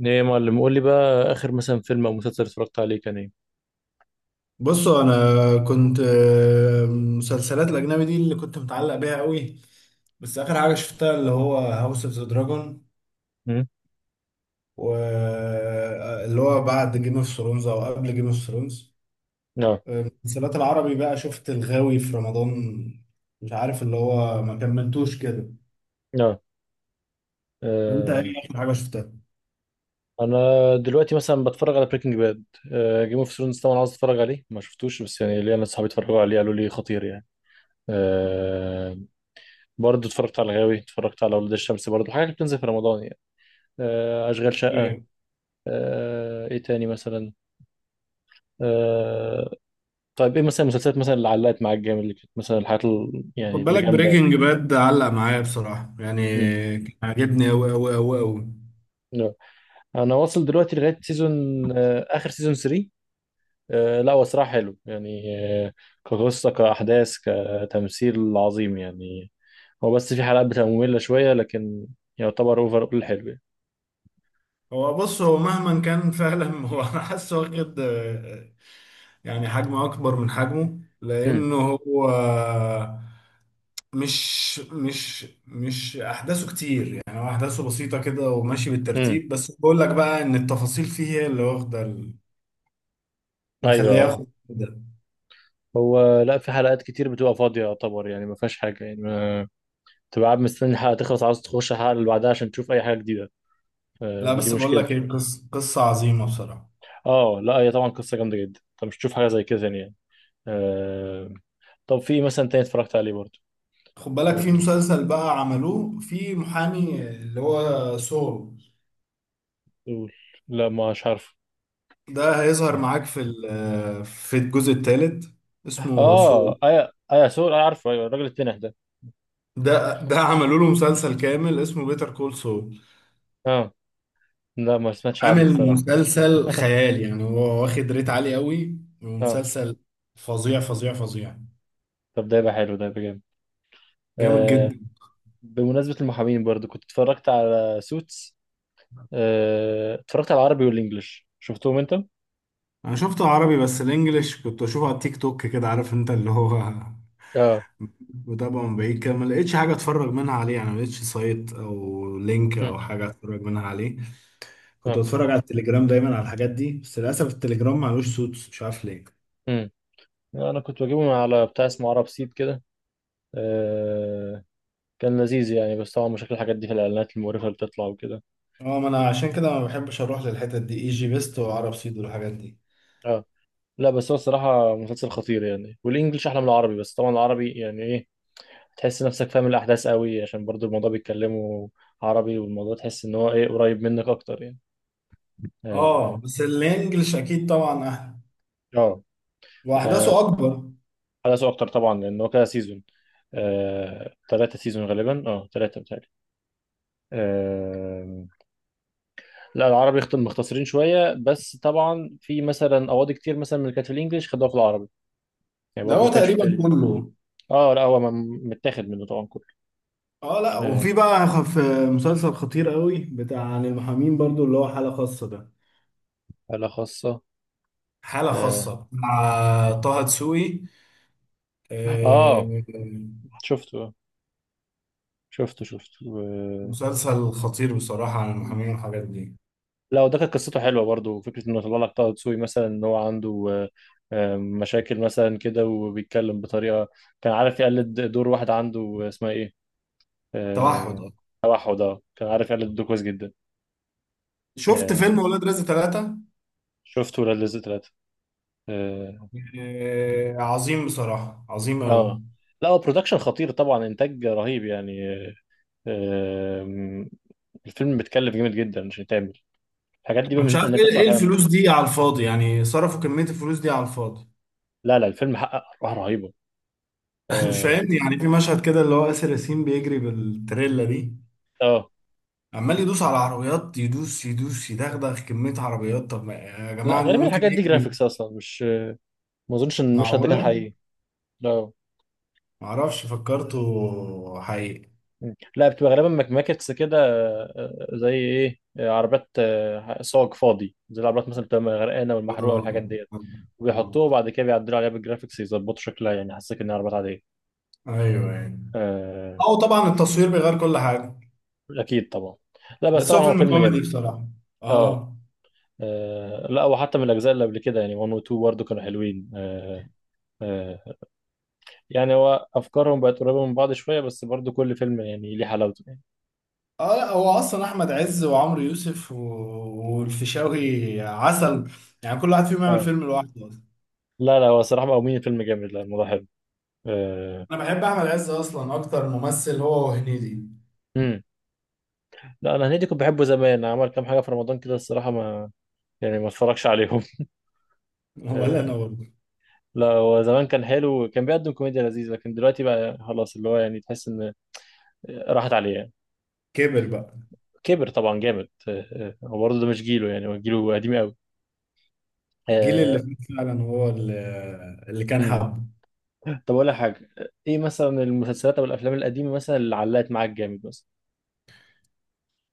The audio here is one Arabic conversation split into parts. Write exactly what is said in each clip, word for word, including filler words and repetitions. ايه يا معلم، قول لي بقى اخر مثلا فيلم او مسلسل اتفرجت عليه كان ايه؟ بصوا انا كنت آه، مسلسلات الاجنبي دي اللي كنت متعلق بيها قوي. بس اخر حاجه شفتها اللي هو هاوس اوف ذا دراجون، امم. واللي هو بعد جيم اوف ثرونز او قبل جيم اوف ثرونز. نعم. المسلسلات العربي بقى شفت الغاوي في رمضان، مش عارف اللي هو ما كملتوش كده. نعم. انت آه. ايه اخر حاجه شفتها؟ انا دلوقتي مثلا بتفرج على بريكنج باد. آه، جيم اوف ثرونز طبعا عاوز اتفرج عليه ما شفتوش، بس يعني ليا ناس صحابي اتفرجوا عليه قالوا لي خطير يعني. آه، برضه اتفرجت على الغاوي، اتفرجت على ولاد الشمس، برضه حاجات بتنزل في رمضان يعني. آه، اشغال شقة. اوكي. آه، ايه تاني مثلا؟ آه. طيب ايه مثلا المسلسلات مثلا اللي علقت معاك جامد، اللي كانت مثلا الحاجات ال- خد يعني اللي بالك جامدة. بريكنج باد علق معايا بصراحه يعني، مم. كان عاجبني قوي قوي قوي قوي. انا واصل دلوقتي لغايه سيزون، آه، اخر سيزون ثلاثة. آه، لا هو صراحه حلو يعني. آه، كقصه كاحداث كتمثيل عظيم يعني. هو بس في حلقات بتبقى ممله شويه، لكن يعتبر اوفر اول حلو يعني. هو بص، هو مهما كان فعلا هو انا حاسه واخد آه، يعني حجم اكبر من حجمه، امم. لانه هو مش مش مش احداثه كتير يعني. هو احداثه بسيطه كده وماشي امم. بالترتيب، بس بقول لك بقى ان التفاصيل فيه هي اللي واخده ال- مخليه ايوه. ياخد ده. هو لا، في حلقات كتير بتبقى فاضيه يعتبر يعني، ما فيهاش حاجه يعني، ما تبقى قاعد مستني الحلقه تخلص عاوز تخش الحلقه اللي بعدها عشان تشوف اي حاجه جديده. آه، لا، فدي بس بقول لك مشكلته. ايه، قصه قصه عظيمه بصراحه. اه، لا هي طبعا قصه جامده جدا، انت مش تشوف حاجه زي كده تاني يعني. آه. طب في إيه مثلا تاني اتفرجت عليه برضه؟ خد بالك في قول مسلسل بقى لي. عملوه في محامي اللي هو سول، قول. لا مش عارف. ده هيظهر معاك في ال- في الجزء الثالث، اسمه سول. اه، ايا ايا سور، انا عارفه، ايوه الراجل التنح ده. ده ده عملوا له مسلسل كامل اسمه بيتر كول سول. اه لا، ما سمعتش عنه عامل الصراحه. مسلسل خيال يعني، هو واخد ريت عالي قوي، اه. ومسلسل فظيع فظيع فظيع. طب ده يبقى حلو، ده يبقى جامد. جامد آه. جدا. بمناسبة المحامين برضو كنت اتفرجت على سوتس. آه، اتفرجت على العربي والانجليش، شفتهم انت؟ انا شفته عربي، بس الانجليش كنت اشوفه على التيك توك كده، عارف انت اللي هو اه. متابعه من بعيد كده، ما لقيتش حاجه اتفرج منها عليه يعني، ما لقيتش سايت او لينك مم. او حاجه اتفرج منها عليه. كنت اه. بتفرج على التليجرام دايما على الحاجات دي، بس للاسف التليجرام معلوش صوت، مش عارف ليه. مم. انا كنت بجيبهم على بتاع اسمه عرب سيد كده. آه، كان لذيذ يعني، بس طبعا مشاكل الحاجات دي في الاعلانات المقرفة اللي بتطلع وكده. اه، ما انا عشان كده ما بحبش اروح للحتت دي، ايجي بيست وعرب سيد والحاجات دي. اه، لا بس هو الصراحة مسلسل خطير يعني، والإنجليش أحلى من العربي، بس طبعا العربي يعني إيه، تحس نفسك فاهم الأحداث قوي عشان برضو الموضوع بيتكلموا عربي، والموضوع تحس إن هو إيه قريب منك أكتر يعني. اه آه. بس الانجليش اكيد طبعا احلى، آه. آه، واحداثه اكبر. أحداثه أكتر طبعا لأن هو كده سيزون. آه، تلاتة سيزون غالبا، أه تلاتة بتهيألي. آه، لا العربي اخت- مختصرين شوية، بس طبعا في مثلا أواضي كتير مثلا من اللي كانت في الإنجليش خدوها في العربي، يعني ده برضو هو ما كانش في تقريبا تأليف. كله. أه لا هو م- متاخد منه طبعا كله. اه لا، آه، وفي بقى خف مسلسل خطير قوي بتاع عن المحامين برضو، اللي هو حالة خاصة ده. حالة خاصة. حالة آه. خاصة مع طه دسوقي. اه. آه، شفته. شفته شفته و- مسلسل خطير بصراحة عن المحامين والحاجات دي. لا وده كانت قصته حلوه برضو، فكره انه طلع لك طه دسوقي مثلا ان هو عنده آه، آه، مشاكل مثلا كده وبيتكلم بطريقه، كان عارف يقلد دور واحد عنده، اسمها ايه؟ توحد. آه. توحد. اه كان عارف يقلد دور كويس جدا. شفت آه، فيلم ولاد رزق ثلاثة؟ شفته ولاد رزق ثلاثه. اه. آه عظيم بصراحة، عظيم أوي. آه، لا هو برودكشن خطير طبعا، انتاج رهيب يعني. آه، آه، الفيلم بيتكلف جامد جدا عشان يتعمل، الحاجات دي بقى أنا مش ميزتها عارف ان هي إيه بتطلع إيه فعلا نظيفة. الفلوس دي على الفاضي يعني، صرفوا كمية الفلوس دي على الفاضي. لا لا، الفيلم حقق ارباح رهيبه. مش اه. فاهمني، يعني في مشهد كده اللي هو آسر ياسين بيجري بالتريلا دي، آه، عمال يدوس على عربيات، يدوس يدوس، يدغدغ كمية عربيات، طب ما يا لا جماعة غالبا ممكن الحاجات دي يجري. جرافيكس اصلا، مش ما اظنش ان المشهد ده كان معقولة؟ حقيقي. لا. معرفش، فكرته حقيقي. مم. لا بتبقى غالبا ماكماكتس كده، آه، آه، زي ايه، آه، عربيات، آه، صاج فاضي زي العربيات مثلا بتبقى غرقانه آه. والمحروقه والحاجات ديت، آه. آه. وبيحطوه وبعد كده بيعدلوا عليها بالجرافيكس يظبطوا شكلها، يعني حسيت انها عربيات عاديه. أيوه أيوه. آه. أو طبعا التصوير بيغير كل حاجة. اكيد طبعا. لا بس بس طبعا هو هو فيلم فيلم كوميدي جامد. بصراحة. اه. آه. آه، لا وحتى من الاجزاء اللي قبل كده يعني واحد و اتنين برضه كانوا حلوين. آه. آه. يعني هو افكارهم بقت قريبه من بعض شويه، بس برضو كل فيلم يعني ليه حلاوته يعني. اه لا، هو اصلا احمد عز وعمرو يوسف و- والفيشاوي عسل، يعني كل واحد فيهم يعمل اه. فيلم لوحده اصلا. لا لا، هو صراحه مقومين الفيلم جامد، لا الموضوع حلو. آه. انا بحب احمد عز اصلا اكتر ممثل، هو وهنيدي. امم. لا انا هنيدي كنت بحبه زمان، عمل كام حاجه في رمضان كده الصراحه، ما يعني ما اتفرجش عليهم. ولا انا آه. برضه. لا هو زمان كان حلو، كان بيقدم كوميديا لذيذه، لكن دلوقتي بقى خلاص، اللي هو يعني تحس ان راحت عليه يعني. كبر بقى. كبر طبعا جامد. آه. آه، هو برضه ده مش جيله، يعني هو جيله قديم قوي. الجيل اللي آه. فات فعلا هو اللي, اللي كان امم. حبه. طب اقول لك حاجه، ايه مثلا المسلسلات او الافلام القديمه مثلا اللي علقت معاك جامد مثلا؟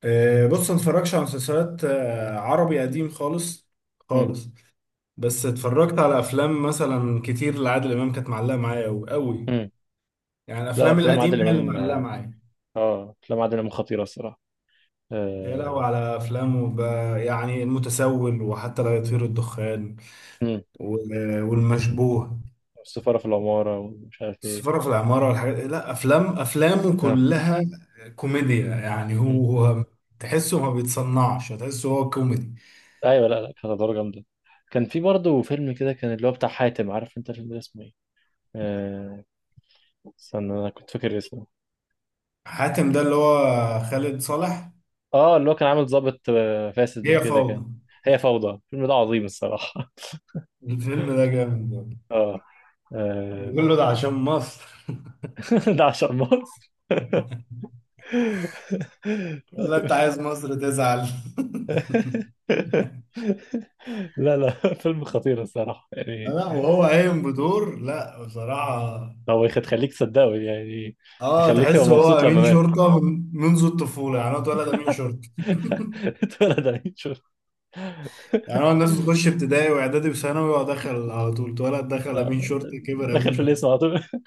آه، بص، ما اتفرجش على مسلسلات آه، عربي قديم خالص، خالص. بس اتفرجت على افلام مثلا كتير لعادل امام كانت معلقه معايا قوي قوي، امم. يعني لا، الافلام افلام القديمه عادل هي اللي امام. معلقه معايا. اه افلام عادل امام خطيره الصراحه. يا لهوي آه. على افلام وب... يعني المتسول، وحتى لا يطير الدخان، مم. و- والمشبوه. السفاره في العماره ومش عارف ايه. السفارة في العمارة والحاجات، لا افلام، افلامه اه. كلها كوميديا، يعني مم. هو هو تحسه ما بيتصنعش، تحسه هو كوميدي. ايوه. لا لا، كانت ادوار جامده. كان في برضه فيلم كده كان اللي هو بتاع حاتم، عارف انت الفيلم ده اسمه ايه؟ آه، استنى انا كنت فاكر اسمه. حاتم ده اللي هو خالد صالح. اه، اللي هو كان عامل ضابط آه، فاسد هي وكده كان. فوضى. هي فوضى، الفيلم ده عظيم الصراحه. الفيلم ده جامد برضه. اه. آه. بيقول له ده عشان مصر. ده عشان مصر. ولا انت عايز مصر تزعل؟ لا لا، فيلم خطير الصراحة يعني. لا، وهو قايم بدور، لا بصراحة. هو يخ- يخليك تصدقه يعني، اه، يخليك تبقى تحس هو مبسوط لما امين مات. شرطه من منذ الطفوله، يعني هو اتولد امين شرطه. اتولد عليه، شوف. يعني هو الناس بتخش ابتدائي واعدادي وثانوي، هو دخل على طول، اتولد دخل آه، امين شرطه، كبر دخل امين في الاسم على شرطه. طول.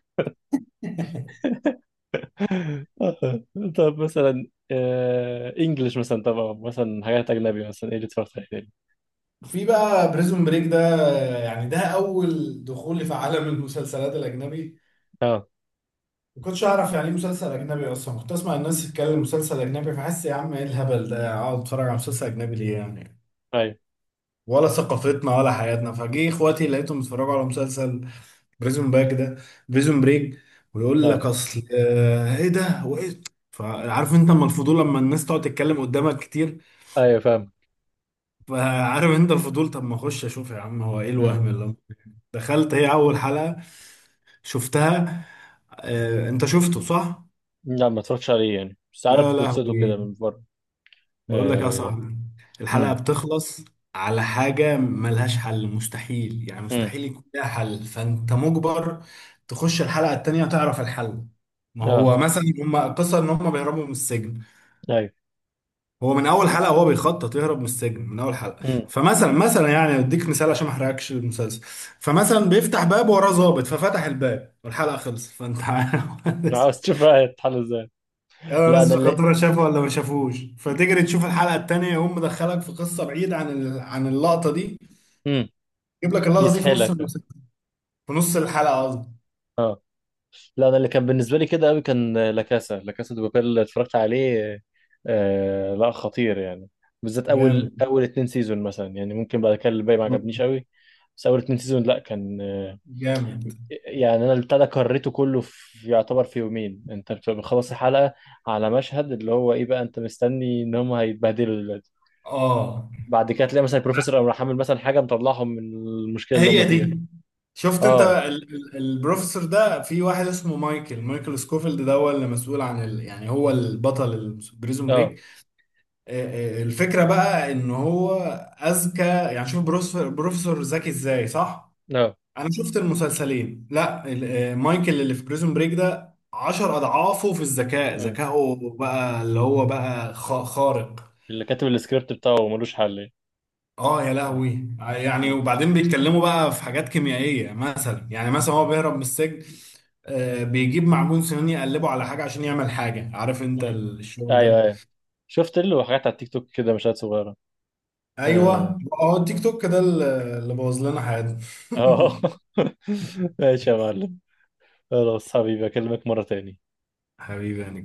آه. طب مثلا انجلش مثلا، طبعا مثلا حاجات اجنبي مثلا ايه اللي اتفرجت عليه تاني؟ في بقى بريزون بريك ده، يعني ده اول دخولي في عالم المسلسلات الاجنبي. اه. ما كنتش اعرف يعني ايه مسلسل اجنبي اصلا. كنت اسمع الناس تتكلم مسلسل اجنبي، فحس يا عم ايه الهبل ده، اقعد اتفرج على مسلسل اجنبي ليه يعني، ايوه. ولا ثقافتنا ولا حياتنا. فجه اخواتي لقيتهم بيتفرجوا على مسلسل بريزون باك ده، بريزون بريك، ويقول اه لك اصل آه، ايه ده وايه. فعارف انت اما الفضول لما الناس تقعد تتكلم قدامك كتير، ايوه فاهم. فعارف انت الفضول، طب ما اخش اشوف يا عم هو ايه مم. الوهم اللي أنا فيه؟ دخلت هي اول حلقة شفتها. آه، انت شفته صح؟ لا ما اتفرجتش عليه يعني، بس يا عارف قصته كده لهوي، من بره. بقول لك يا آه. صاحبي، الحلقة مم. بتخلص على حاجة ملهاش حل، مستحيل يعني مم. مستحيل يكون لها حل، فأنت مجبر تخش الحلقة التانية تعرف الحل. ما اه. هو مثلا هم قصة إن هم بيهربوا من السجن، ايوه. هو من أول حلقة هو بيخطط يهرب من السجن من أول حلقة. مم. فمثلا، مثلا يعني أديك مثال عشان ما أحرقكش المسلسل، فمثلا بيفتح باب وراه ظابط، ففتح الباب والحلقة خلصت، فأنت عارف، عاوز تشوف بقى هيتحل ازاي. يا لا انا ناس اللي. خطورة شافوا ولا ما شافوش، فتجري تشوف الحلقة التانية، يقوم مدخلك في قصة بعيدة عن ال... عن اللقطة دي، مم. يجيب لك اللقطة دي في نص يسحلك. المسلسل، في نص الحلقة قصدي. اه، لا انا اللي كان بالنسبه لي كده قوي كان لاكاسا، لاكاسا دي بابيل اللي اتفرجت عليه. آه، لا خطير يعني، بالذات اول جامد اول اتنين سيزون مثلا، يعني ممكن بعد كده الباقي ما عجبنيش والله. قوي. بس اول اتنين سيزون لا كان آه، جامد. يعني انا البتاع ده كريته كله في يعتبر في يومين، انت بتبقى بتخلص الحلقه على مشهد اللي هو ايه بقى، انت مستني ان هم هيتبهدلوا دلوقتي، اه، بعد كده تلاقي مثلا البروفيسور او حامل مثلا حاجه مطلعهم من المشكله اللي هم هي فيها. دي. شفت انت اه. ال... ال... البروفيسور ده؟ في واحد اسمه مايكل، مايكل سكوفيلد، ده هو اللي مسؤول عن ال... يعني هو البطل البريزون اه. بريك. آه، آه، الفكرة بقى ان هو اذكى، يعني شوف بروفيسور بروفيسور ذكي ازاي صح. اه. انا شفت المسلسلين، لا ال- آه، مايكل اللي في بريزون بريك ده عشر اضعافه في الذكاء، مم. ذكائه بقى اللي هو بقى خ- خارق. اللي كاتب السكريبت بتاعه ملوش حل يعني. اه يا لهوي يعني. مم. وبعدين بيتكلموا بقى في حاجات كيميائية مثلا، يعني مثلا هو بيهرب من السجن، آه، بيجيب معجون سنان يقلبه على حاجة عشان يعمل حاجة، عارف انت مم. الشغل ايوه ده. ايوه. شفت له حاجات على التيك توك كده، مشاهد صغيره. اه. ايوه، هو التيك توك ده اللي اللي بوظ لنا حياتنا. آه. ماشي يا معلم، خلاص حبيبي، اكلمك مره تاني. حبيبي يعني.